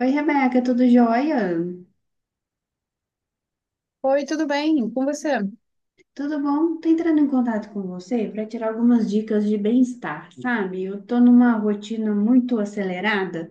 Oi, Rebeca, tudo jóia? Oi, tudo bem? Com você? Tudo bom? Tô entrando em contato com você para tirar algumas dicas de bem-estar, sabe? Eu tô numa rotina muito acelerada.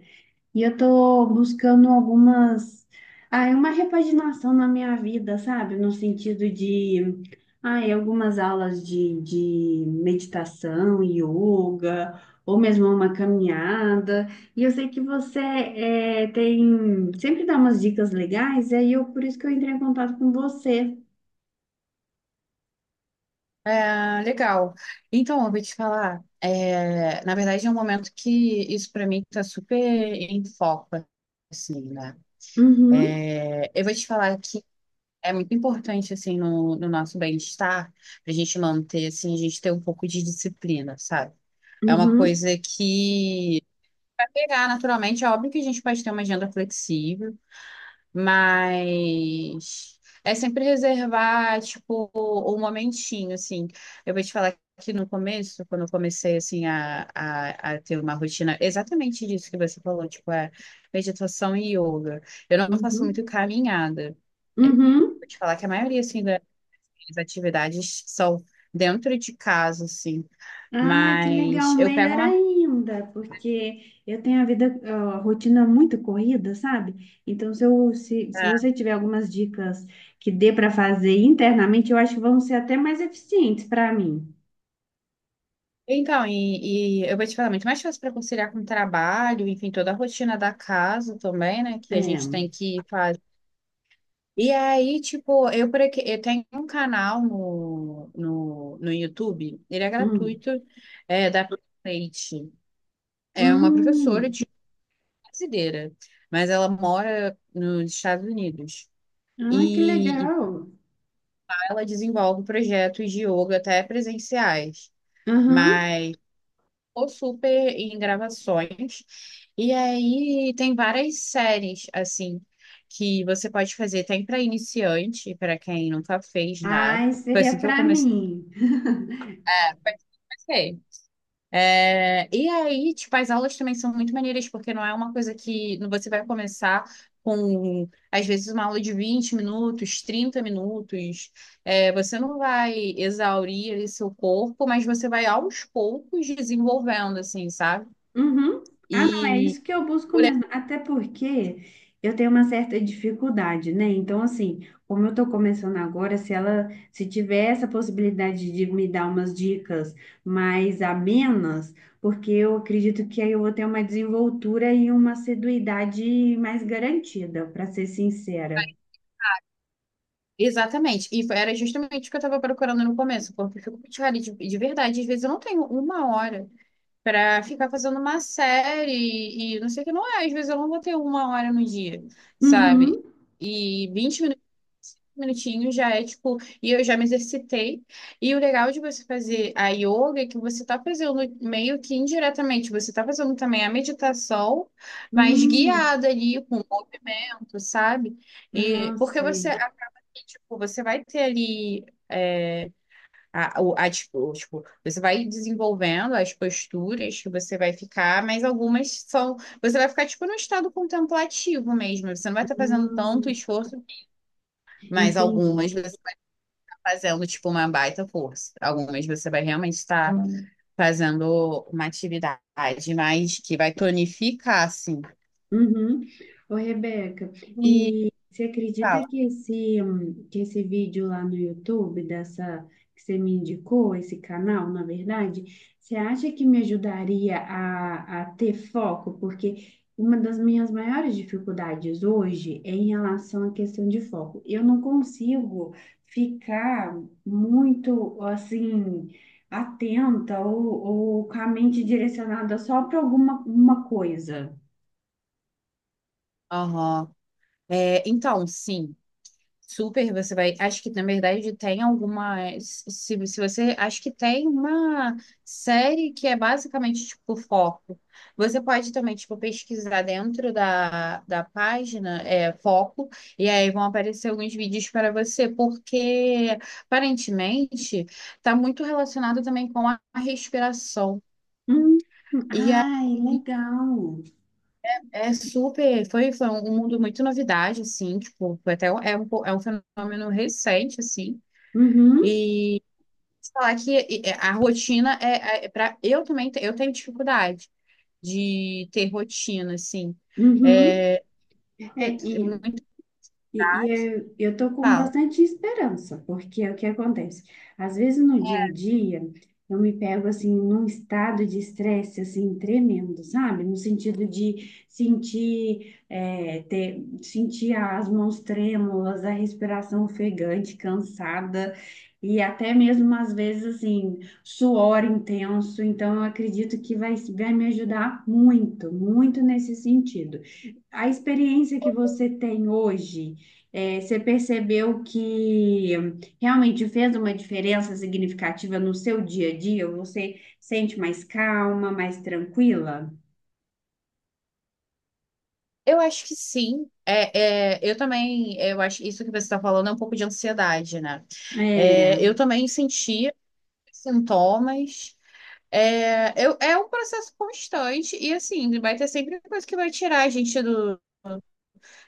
E eu tô buscando uma repaginação na minha vida, sabe? No sentido de, algumas aulas de meditação, yoga, ou mesmo uma caminhada. E eu sei que você tem, sempre dá umas dicas legais, e aí por isso que eu entrei em contato com você. É, legal. Então, eu vou te falar. É, na verdade, é um momento que isso para mim está super em foco, assim, né? Uhum, Eu vou te falar que é muito importante, assim, no nosso bem-estar, para a gente manter, assim, a gente ter um pouco de disciplina, sabe? É uma uhum, coisa que pegar naturalmente, é óbvio que a gente pode ter uma agenda flexível, mas é sempre reservar, tipo, um momentinho, assim. Eu vou te falar que no começo, quando eu comecei, assim, a ter uma rotina exatamente disso que você falou, tipo, meditação e yoga. Eu não faço uhum, muito caminhada. É, uhum. Vou te falar que a maioria, assim, das minhas atividades são dentro de casa, assim. Ai, que legal, Mas eu pego melhor uma ainda, porque eu tenho a vida, a rotina muito corrida, sabe? Então, se, eu, se você tiver algumas dicas que dê para fazer internamente, eu acho que vão ser até mais eficientes para mim. então, e eu vou te falar, muito mais fácil para conciliar com o trabalho, enfim, toda a rotina da casa também, né? Que a gente É. tem que fazer. E aí, tipo, eu por aqui, eu tenho um canal no YouTube, ele é Hum. gratuito, é da Leite. É uma professora Hum. de brasileira, mas ela mora nos Estados Unidos. Ai, que E legal. ela desenvolve projetos de yoga até presenciais. Aham. Mas ou super em gravações. E aí tem várias séries, assim, que você pode fazer. Tem para iniciante, para quem nunca fez nada. Ai, Foi seria assim que eu para comecei. mim. Foi assim que eu comecei. É, e aí, tipo, as aulas também são muito maneiras, porque não é uma coisa que você vai começar com, às vezes, uma aula de 20 minutos, 30 minutos. Você não vai exaurir ali seu corpo, mas você vai aos poucos desenvolvendo, assim, sabe? Uhum. Ah, não, é e isso que eu busco Por aí- mesmo. Até porque eu tenho uma certa dificuldade, né? Então, assim, como eu tô começando agora, se tiver essa possibilidade de me dar umas dicas mais amenas, porque eu acredito que aí eu vou ter uma desenvoltura e uma assiduidade mais garantida, para ser sincera. Exatamente. Era justamente o que eu estava procurando no começo, porque eu fico muito rara de verdade. Às vezes eu não tenho uma hora para ficar fazendo uma série e não sei o que não é. Às vezes eu não vou ter uma hora no dia, sabe? Uhum. E 20 minu- Minutinhos já é tipo, e eu já me exercitei. E o legal de você fazer a yoga é que você está fazendo meio que indiretamente, você está fazendo também a meditação, mas Hum. guiada ali com movimento, sabe? E Ah, porque você sei. tipo, você vai ter ali é, a, o- a dis- o- tipo, você vai desenvolvendo as posturas que você vai ficar, mas algumas são, você vai ficar tipo no estado contemplativo mesmo, você não vai estar fazendo tanto Hum, esforço, mas entendi. algumas você está fazendo tipo uma baita força, algumas você vai realmente estar fazendo uma atividade mais que vai tonificar assim. Uhum. Ô, Rebeca, E e você acredita fala, que que esse vídeo lá no YouTube, dessa que você me indicou, esse canal, na verdade, você acha que me ajudaria a ter foco? Porque uma das minhas maiores dificuldades hoje é em relação à questão de foco. Eu não consigo ficar muito, assim, atenta ou com a mente direcionada só para alguma uma coisa. aham. É, então, sim. Super, você vai. Acho que, na verdade, tem alguma Se, se você. Acho que tem uma série que é basicamente, tipo, foco. Você pode também, tipo, pesquisar dentro da página, é, foco, e aí vão aparecer alguns vídeos para você, porque, aparentemente, está muito relacionado também com a respiração. Hum, E aí. ai, legal. É super, foi um mundo muito novidade, assim, tipo, foi até um- é um, po- é um fenômeno recente, assim, Uhum, e te falar que a rotina é para eu também eu tenho dificuldade de ter rotina assim. uhum. É, É, eu t- e muito e eu tô com fala. bastante esperança, porque é o que acontece? Às vezes no dia a dia, eu me pego assim num estado de estresse assim tremendo, sabe? No sentido de sentir as mãos trêmulas, a respiração ofegante, cansada, e até mesmo às vezes assim, suor intenso. Então, eu acredito que vai me ajudar muito, muito nesse sentido. A experiência que você tem hoje. É, você percebeu que realmente fez uma diferença significativa no seu dia a dia? Você sente mais calma, mais tranquila? Eu acho que sim. Eu também, eu acho que isso que você está falando é um pouco de ansiedade, né? É, É. eu também sentia sintomas. É um processo constante e assim, vai ter sempre coisa que vai tirar a gente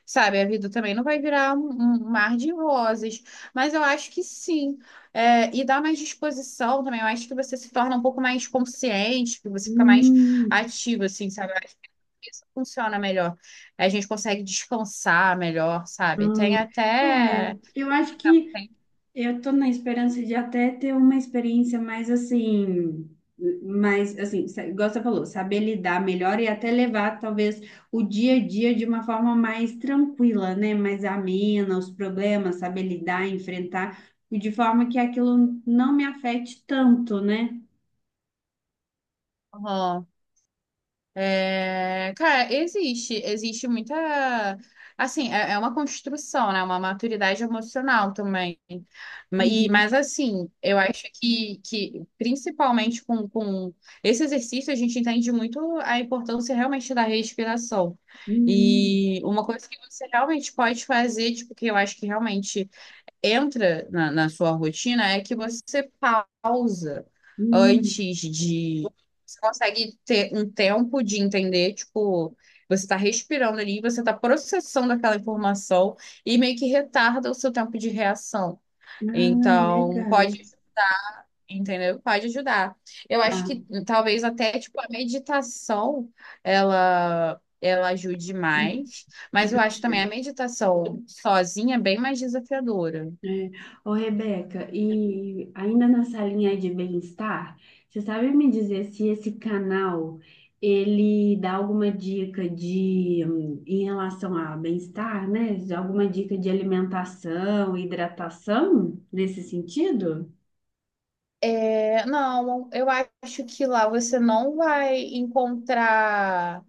sabe, a vida também não vai virar um mar de rosas, mas eu acho que sim. É, e dá mais disposição também. Eu acho que você se torna um pouco mais consciente, que você fica mais Hum, ativo, assim, sabe? Eu acho que isso funciona melhor. A gente consegue descansar melhor, sabe? Tem é, até. eu acho que Tem, Eu estou na esperança de até ter uma experiência mais assim, igual você falou, saber lidar melhor e até levar talvez o dia a dia de uma forma mais tranquila, né? Mais amena, os problemas, saber lidar, enfrentar, e de forma que aquilo não me afete tanto, né? aham. É, cara, existe muita, assim, é uma construção, né? Uma maturidade emocional também. Mas Uhum. assim, que principalmente com esse exercício a gente entende muito a importância realmente da respiração. Hum, E uma coisa que você realmente pode fazer, tipo, que eu acho que realmente entra na sua rotina é que você pausa hum. antes de. Você consegue ter um tempo de entender, tipo, você está respirando ali, você está processando aquela informação e meio que retarda o seu tempo de reação. Ah, Então, pode, legal. entendeu? Pode ajudar. Eu acho Tá. que talvez até, tipo, a meditação, Ela ajude mais, mas eu acho também a meditação sozinha é bem mais desafiadora. É. Ô, Rebeca, e ainda nessa linha aí de bem-estar, você sabe me dizer se esse canal ele dá alguma dica de em relação a bem-estar, né? De alguma dica de alimentação, hidratação nesse sentido? É, não, eu acho que lá você não vai encontrar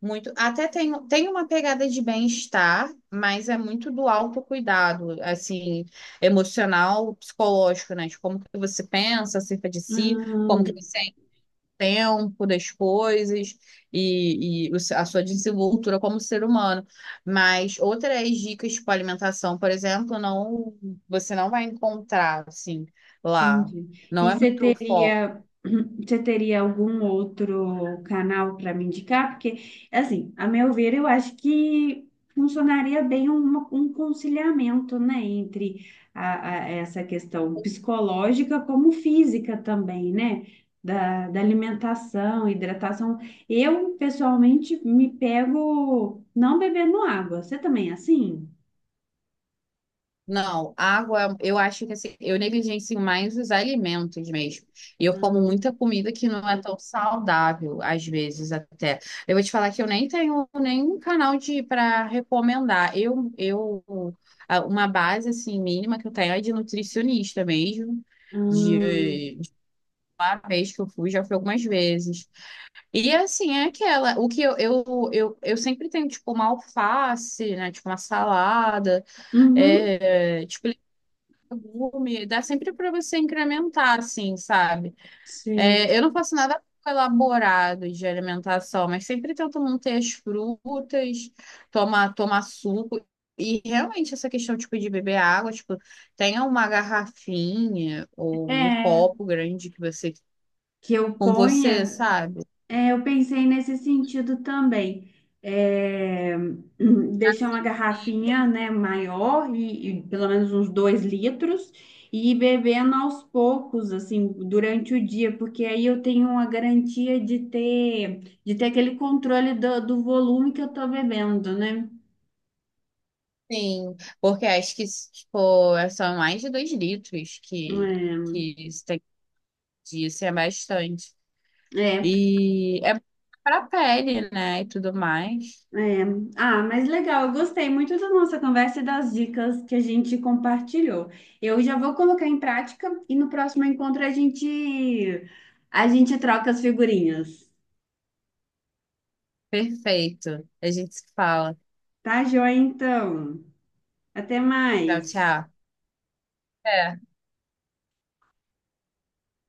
muito. Até tem, tem uma pegada de bem-estar, mas é muito do autocuidado, assim, emocional, psicológico, né? De como que você pensa acerca de si, como que você tempo das coisas e o se- a sua desenvoltura como ser humano. Mas outras dicas para alimentação, por exemplo, não você não vai encontrar assim lá. Entendi. Não E é você muito o foco. teria, você teria algum outro canal para me indicar? Porque, assim, a meu ver, eu acho que funcionaria bem um conciliamento, né, entre essa questão psicológica como física também, né? Da alimentação, hidratação. Eu, pessoalmente, me pego não bebendo água. Você também é assim? Não, água, eu acho que assim, eu negligencio mais os alimentos mesmo. E eu como Ah, muita comida que não é tão saudável, às vezes até. Eu vou te falar que eu nem tenho nenhum canal de para recomendar. Uma base assim mínima que eu tenho é de nutricionista mesmo. ah, De uma vez que eu fui, já fui algumas vezes. E assim, é aquela, o que eu sempre tenho, tipo, uma alface, né? Tipo, uma salada. uhum, É, tipo, legume, dá sempre para você incrementar, assim, sabe? sei. É, eu não faço nada elaborado de alimentação, mas sempre tento manter as frutas, tomar suco. E realmente essa questão, tipo, de beber água, tipo, tenha uma garrafinha ou um É. copo grande que você, que eu com você, ponha, sabe? eu pensei nesse sentido também. É, deixar uma garrafinha, né, maior e pelo menos uns 2 litros e ir bebendo aos poucos, assim, durante o dia, porque aí eu tenho uma garantia de ter, aquele controle do volume que eu tô bebendo, né? Sim, porque acho que, tipo, são mais de 2 litros É. que isso tem dia, isso é bastante. É, E é para pele, né? E tudo mais. É. Ah, mas legal, eu gostei muito da nossa conversa e das dicas que a gente compartilhou. Eu já vou colocar em prática e no próximo encontro a gente troca as figurinhas. Perfeito. A gente se fala. Tá, joia? Então, até Tchau, mais. tchau. É.